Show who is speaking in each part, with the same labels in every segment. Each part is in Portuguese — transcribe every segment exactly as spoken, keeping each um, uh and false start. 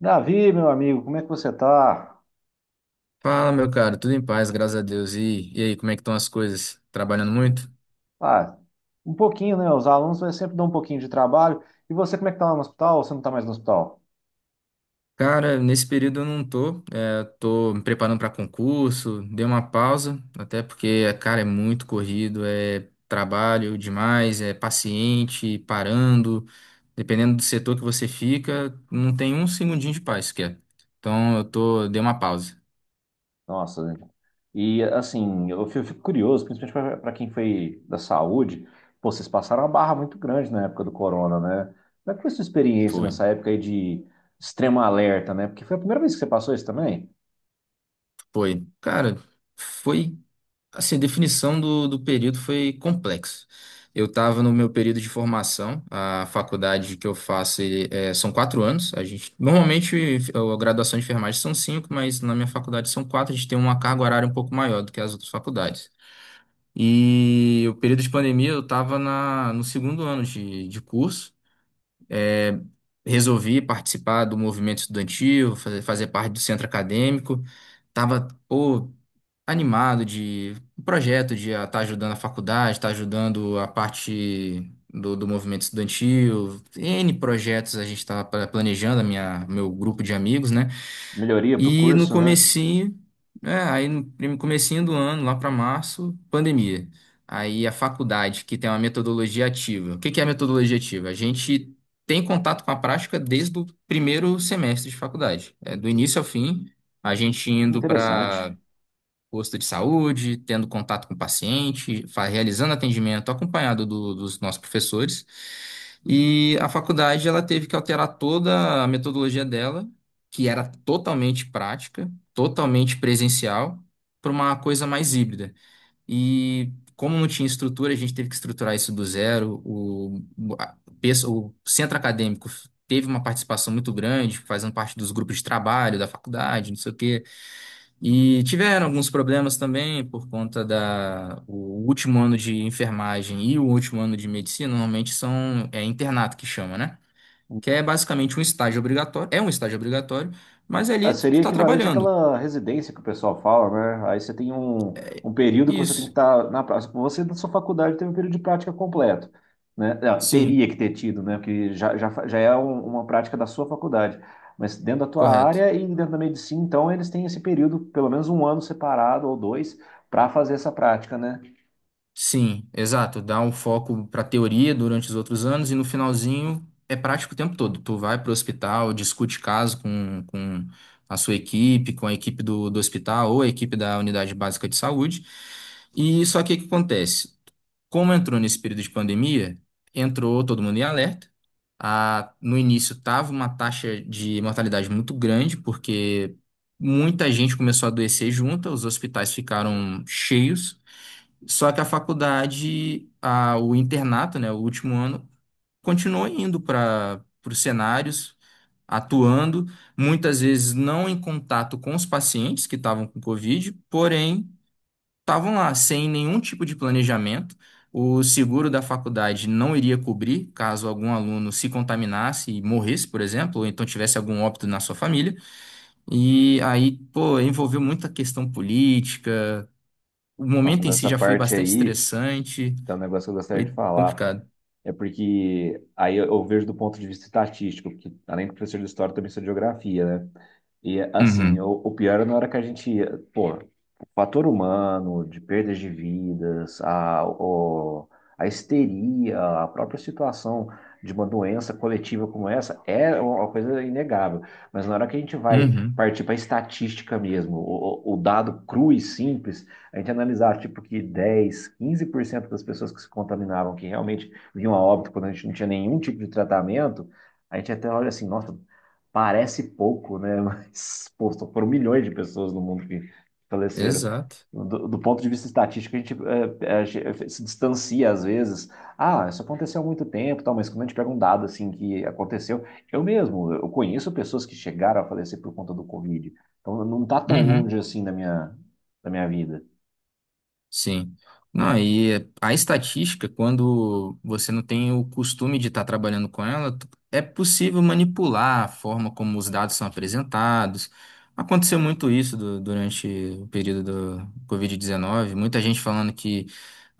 Speaker 1: Davi, meu amigo, como é que você está?
Speaker 2: Fala, meu cara, tudo em paz, graças a Deus. E, e aí, como é que estão as coisas? Trabalhando muito?
Speaker 1: Ah, um pouquinho, né? Os alunos vai sempre dar um pouquinho de trabalho. E você, como é que está lá no hospital? Ou você não está mais no hospital?
Speaker 2: Cara, nesse período eu não tô, é, tô me preparando para concurso, dei uma pausa, até porque, cara, é muito corrido, é trabalho demais, é paciente, parando, dependendo do setor que você fica, não tem um segundinho de paz sequer. Então eu tô, dei uma pausa.
Speaker 1: Nossa, gente. E assim, eu fico fico curioso, principalmente para quem foi da saúde, pô, vocês passaram uma barra muito grande na época do corona, né? Como é que foi sua experiência
Speaker 2: Foi,
Speaker 1: nessa época aí de extremo alerta, né? Porque foi a primeira vez que você passou isso também?
Speaker 2: foi. Cara, foi. Assim, a definição do, do período foi complexo. Eu estava no meu período de formação, a faculdade que eu faço ele- é, são quatro anos. A gente, normalmente a graduação de enfermagem são cinco, mas na minha faculdade são quatro. A gente tem uma carga horária um pouco maior do que as outras faculdades. E o período de pandemia eu estava na, no segundo ano de, de curso. É, Resolvi participar do movimento estudantil, fazer, fazer parte do centro acadêmico. Tava, pô, animado de um projeto de estar ajudando a faculdade, estar ajudando a parte do, do movimento estudantil, N projetos a gente estava planejando, a minha, meu grupo de amigos, né?
Speaker 1: Melhoria para o
Speaker 2: E no
Speaker 1: curso, né?
Speaker 2: comecinho, é, aí no prim- comecinho do ano, lá para março, pandemia. Aí a faculdade, que tem uma metodologia ativa. O que que é a metodologia ativa? A gente tem contato com a prática desde o primeiro semestre de faculdade, é, do início ao fim, a gente indo
Speaker 1: Interessante.
Speaker 2: para posto de saúde, tendo contato com o paciente, fa- realizando atendimento acompanhado do- dos nossos professores. E a faculdade ela teve que alterar toda a metodologia dela, que era totalmente prática, totalmente presencial, para uma coisa mais híbrida. E como não tinha estrutura, a gente teve que estruturar isso do zero. O, o a- pesso- o centro acadêmico teve uma participação muito grande, fazendo parte dos grupos de trabalho da faculdade, não sei o quê. E tiveram alguns problemas também por conta da o último ano de enfermagem e o último ano de medicina, normalmente são é internato que chama, né? Que é basicamente um estágio obrigatório, é um estágio obrigatório, mas ali
Speaker 1: Ah,
Speaker 2: tu, tu
Speaker 1: seria
Speaker 2: tá
Speaker 1: equivalente
Speaker 2: trabalhando.
Speaker 1: àquela residência que o pessoal fala, né? Aí você tem um,
Speaker 2: É.
Speaker 1: um período que você tem que
Speaker 2: Isso.
Speaker 1: estar na prática. Você, na sua faculdade, teve um período de prática completo, né? Ah, teria
Speaker 2: Sim,
Speaker 1: que ter tido, né? Porque já, já, fa- já é um- uma prática da sua faculdade. Mas dentro da tua
Speaker 2: correto.
Speaker 1: área e dentro da medicina, então, eles têm esse período, pelo menos um ano separado ou dois, para fazer essa prática, né?
Speaker 2: Sim, exato. Dá um foco para teoria durante os outros anos e no finalzinho é prático o tempo todo. Tu vai para o hospital, discute caso com, com a sua equipe, com a equipe do, do hospital ou a equipe da unidade básica de saúde. E só que o que acontece? Como entrou nesse período de pandemia, entrou todo mundo em alerta. A, no início estava uma taxa de mortalidade muito grande, porque muita gente começou a adoecer junta, os hospitais ficaram cheios. Só que a faculdade, a- o internato, né, o último ano, continuou indo para os cenários, atuando, muitas vezes não em contato com os pacientes que estavam com Covid, porém estavam lá sem nenhum tipo de planejamento. O seguro da faculdade não iria cobrir caso algum aluno se contaminasse e morresse, por exemplo, ou então tivesse algum óbito na sua família. E aí, pô, envolveu muita questão política. O
Speaker 1: Nossa,
Speaker 2: momento em si
Speaker 1: nessa
Speaker 2: já foi
Speaker 1: parte
Speaker 2: bastante
Speaker 1: aí,
Speaker 2: estressante.
Speaker 1: tem um negócio que eu gostaria
Speaker 2: Foi
Speaker 1: de falar.
Speaker 2: complicado.
Speaker 1: É porque aí eu eu vejo do ponto de vista estatístico, porque além de professor de história, eu também sou de geografia, né? E assim, o,
Speaker 2: Uhum,
Speaker 1: o pior na hora que a gente ia, pô, o fator humano, de perdas de vidas, a, o, a histeria, a própria situação de uma doença coletiva como essa é uma coisa inegável. Mas na hora que a gente vai
Speaker 2: uhum,
Speaker 1: partir para a estatística mesmo, o, o o dado cru e simples, a gente analisar tipo que dez quinze por cento das pessoas que se contaminavam, que realmente vinham a óbito quando a gente não tinha nenhum tipo de tratamento, a gente até olha assim, nossa, parece pouco, né? Mas, pô, só foram milhões de pessoas no mundo que faleceram.
Speaker 2: exato.
Speaker 1: Do, do ponto de vista estatístico, a gente, é, é, a gente se distancia às vezes. Ah, isso aconteceu há muito tempo, tal, mas quando a gente pega um dado assim que aconteceu, eu mesmo, eu conheço pessoas que chegaram a falecer por conta do Covid. Então não tá tão
Speaker 2: Uhum.
Speaker 1: longe assim da minha, da minha vida.
Speaker 2: Sim. Não, e a estatística, quando você não tem o costume de estar trabalhando com ela, tu- é possível manipular a forma como os dados são apresentados. Aconteceu muito isso du- durante o período do Covid dezenove, muita gente falando que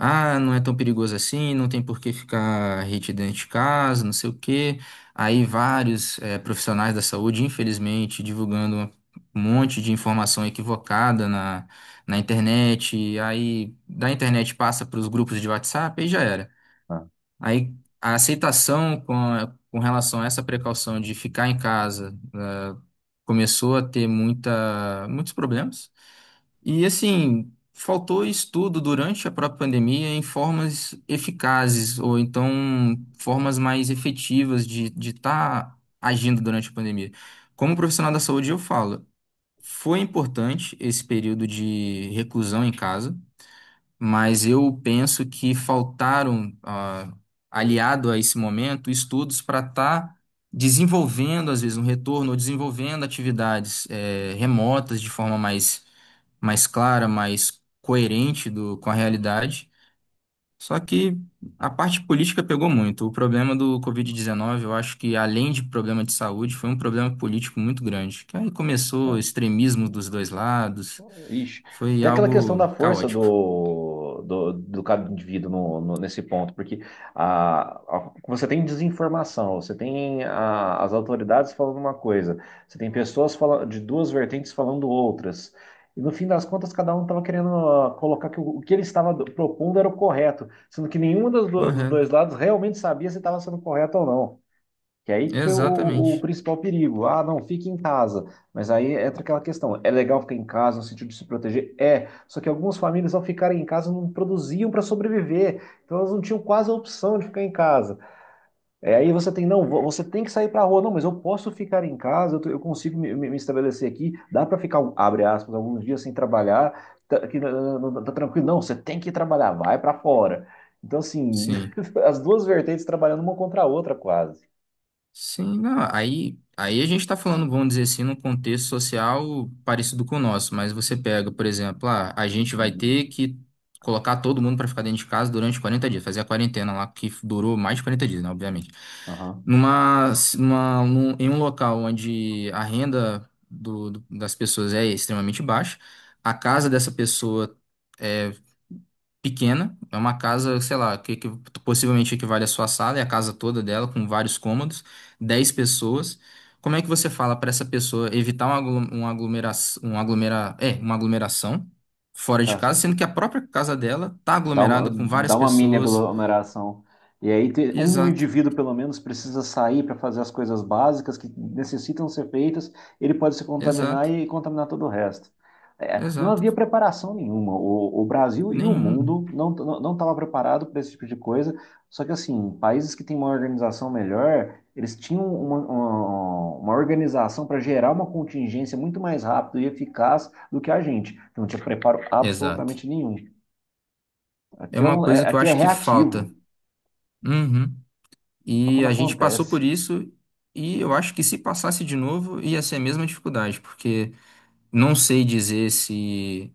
Speaker 2: ah, não é tão perigoso assim, não tem por que ficar retidão de casa, não sei o quê. Aí vários eh, profissionais da saúde, infelizmente, divulgando um monte de informação equivocada na internet, aí da internet passa para os grupos de WhatsApp e já era.
Speaker 1: Né?
Speaker 2: Aí a aceitação com, com relação a essa precaução de ficar em casa né, começou a ter muita, muitos problemas. E assim, faltou estudo durante a própria pandemia em formas eficazes, ou então formas mais efetivas de de estar agindo durante a pandemia. Como profissional da saúde, eu falo. Foi importante esse período de reclusão em casa, mas eu penso que faltaram, ah, aliado a esse momento, estudos para estar desenvolvendo, às vezes, um retorno, ou desenvolvendo atividades, eh, remotas de forma mais, mais clara, mais coerente do, com a realidade. Só que a parte política pegou muito. O problema do Covid dezenove, eu acho que, além de problema de saúde, foi um problema político muito grande. Que aí começou
Speaker 1: Então,
Speaker 2: extremismo dos dois lados,
Speaker 1: ixi.
Speaker 2: foi
Speaker 1: Tem aquela questão
Speaker 2: algo
Speaker 1: da força
Speaker 2: caótico.
Speaker 1: do, do, do cada indivíduo no, no- nesse ponto, porque a, a- você tem desinformação, você tem a- as autoridades falando uma coisa, você tem pessoas fala- de duas vertentes falando outras. E no fim das contas, cada um estava querendo ah, colocar que o, o que ele estava do- propondo era o correto, sendo que nenhum dos, do- dos dois
Speaker 2: Correto.
Speaker 1: lados realmente sabia se estava sendo correto ou não. Que aí, que foi o, o o
Speaker 2: Exatamente.
Speaker 1: principal perigo. Ah, não, fique em casa. Mas aí entra aquela questão. É legal ficar em casa no sentido de se proteger? É. Só que algumas famílias, ao ficarem em casa, não produziam para sobreviver. Então, elas não tinham quase a opção de ficar em casa. É, aí você tem, não, vo- você tem que sair para a rua. Não, mas eu posso ficar em casa, eu, tô- eu consigo me, me- me estabelecer aqui. Dá para ficar, abre aspas, alguns dias sem trabalhar. Tá, que, não, não- não- tá tranquilo. Não, você tem que trabalhar, vai para fora. Então, assim,
Speaker 2: Sim.
Speaker 1: as duas vertentes trabalhando uma contra a outra, quase.
Speaker 2: Sim, não, aí, aí a gente está falando, vamos dizer assim, num contexto social parecido com o nosso, mas você pega, por exemplo, ah, a gente vai ter que colocar todo mundo para ficar dentro de casa durante quarenta dias, fazer a quarentena lá, que durou mais de quarenta dias, né, obviamente.
Speaker 1: Uhum.
Speaker 2: Numa, numa, num- em um local onde a renda do, do- das pessoas é extremamente baixa, a casa dessa pessoa. É pequena, é uma casa, sei lá, que, que possivelmente equivale à sua sala, é a casa toda dela, com vários cômodos, dez pessoas. Como é que você fala para essa pessoa evitar uma, aglu- uma aglomeração, uma aglomera, é, uma aglomeração fora de
Speaker 1: Tá, só
Speaker 2: casa, sendo que a própria casa dela tá
Speaker 1: Dá uma,
Speaker 2: aglomerada com várias
Speaker 1: dá uma mini
Speaker 2: pessoas?
Speaker 1: aglomeração. E aí te- um
Speaker 2: Exato,
Speaker 1: indivíduo, pelo menos, precisa sair para fazer as coisas básicas que necessitam ser feitas, ele pode se contaminar
Speaker 2: exato,
Speaker 1: e contaminar todo o resto. É, não
Speaker 2: exato.
Speaker 1: havia preparação nenhuma. O, o Brasil e o
Speaker 2: Nenhum.
Speaker 1: mundo não não estava preparado para esse tipo de coisa. Só que, assim, países que têm uma organização melhor, eles tinham uma, uma, uma organização para gerar uma contingência muito mais rápido e eficaz do que a gente, que não tinha preparo
Speaker 2: Exato.
Speaker 1: absolutamente nenhum.
Speaker 2: É
Speaker 1: Aqui é,
Speaker 2: uma
Speaker 1: um- é-
Speaker 2: coisa que eu
Speaker 1: aqui é
Speaker 2: acho que falta.
Speaker 1: reativo,
Speaker 2: Uhum.
Speaker 1: só
Speaker 2: E
Speaker 1: quando
Speaker 2: a gente passou por
Speaker 1: acontece.
Speaker 2: isso, e eu acho que se passasse de novo, ia ser a mesma dificuldade, porque não sei dizer se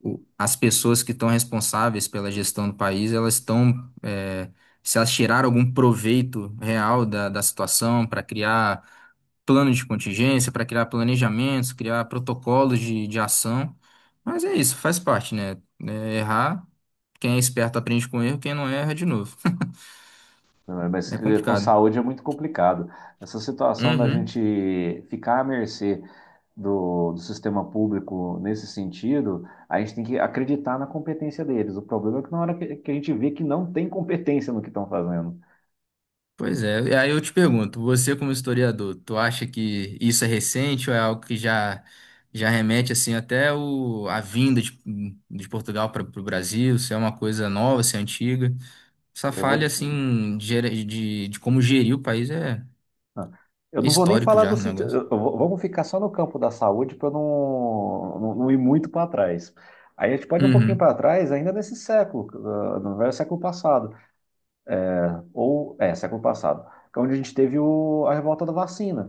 Speaker 2: o- as pessoas que estão responsáveis pela gestão do país, elas estão, é, se elas tiraram algum proveito real da, da situação para criar plano de contingência, para criar planejamentos, criar protocolos de, de ação. Mas é isso, faz parte, né? É, errar, quem é esperto aprende com erro, quem não erra de novo.
Speaker 1: Né? Mas
Speaker 2: É
Speaker 1: eh, com
Speaker 2: complicado.
Speaker 1: saúde é muito complicado. Essa situação da
Speaker 2: Uhum.
Speaker 1: gente ficar à mercê do, do sistema público nesse sentido, a gente tem que acreditar na competência deles. O problema é que na hora que, que a gente vê que não tem competência no que estão fazendo.
Speaker 2: Pois é, e aí eu te pergunto, você como historiador, tu acha que isso é recente ou é algo que já já remete assim até o, a vinda de, de Portugal para o Brasil, se é uma coisa nova, se é antiga? Essa
Speaker 1: Eu
Speaker 2: falha
Speaker 1: vou,
Speaker 2: assim de, gere- de, de como gerir o país é,
Speaker 1: ah, eu
Speaker 2: é
Speaker 1: não vou nem
Speaker 2: histórico
Speaker 1: falar
Speaker 2: já
Speaker 1: do
Speaker 2: o
Speaker 1: sítio.
Speaker 2: negócio.
Speaker 1: eu- eu vou- Vamos ficar só no campo da saúde para não, não, não ir muito para trás. Aí a gente pode ir um pouquinho
Speaker 2: Uhum,
Speaker 1: para trás, ainda nesse século, ah, no velho século passado. Ou é, século passado, que é onde a gente teve o, a revolta da vacina,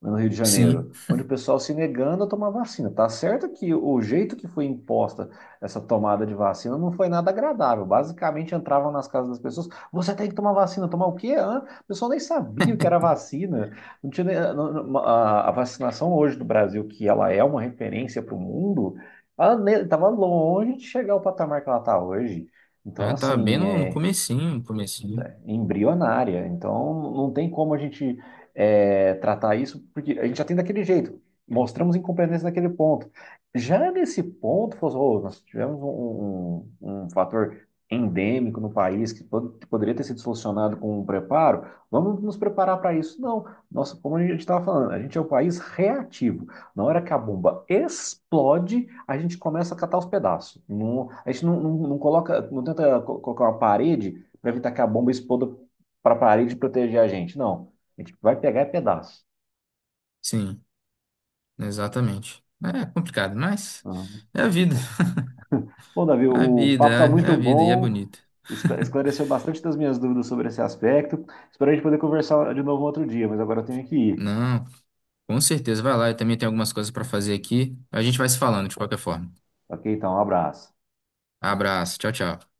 Speaker 1: né, no Rio de
Speaker 2: sim,
Speaker 1: Janeiro, onde o pessoal se negando a tomar vacina. Tá certo que o jeito que foi imposta essa tomada de vacina não foi nada agradável. Basicamente entravam nas casas das pessoas, você tem que tomar vacina, tomar o quê? Hã? O pessoal nem sabia o que era vacina. Não tinha, nem- não- não- a, a vacinação hoje do Brasil, que ela é uma referência para o mundo, ela estava longe de chegar ao patamar que ela está hoje. Então,
Speaker 2: ah, tá bem
Speaker 1: assim,
Speaker 2: no, no
Speaker 1: é,
Speaker 2: comecinho, no comecinho.
Speaker 1: embrionária. Então, não tem como a gente é, tratar isso, porque a gente já tem daquele jeito. Mostramos incompetência naquele ponto. Já nesse ponto, falou: "Oh, nós tivemos um, um- um um fator endêmico no país que pod- que poderia ter sido solucionado com um preparo, vamos nos preparar para isso." Não, nossa, como a gente estava falando, a gente é um país reativo. Na hora que a bomba explode, a gente começa a catar os pedaços. Não- a gente não, não, não coloca, não tenta co- colocar uma parede, vai evitar que a bomba exploda para a parede e proteger a gente. Não. A gente vai pegar pedaço.
Speaker 2: Sim, exatamente. É complicado, mas
Speaker 1: Ah,
Speaker 2: é a vida,
Speaker 1: porra. Bom, Davi,
Speaker 2: é a
Speaker 1: o papo está
Speaker 2: vida, é é
Speaker 1: muito
Speaker 2: a vida e é
Speaker 1: bom.
Speaker 2: bonita.
Speaker 1: escla- Esclareceu bastante das minhas dúvidas sobre esse aspecto. Espero a gente poder conversar de novo um outro dia, mas agora eu tenho que ir.
Speaker 2: Não. Com certeza, vai lá. Eu também tenho algumas coisas para fazer aqui. A gente vai se falando de qualquer forma.
Speaker 1: Ok, então, um abraço.
Speaker 2: Abraço. Tchau, tchau.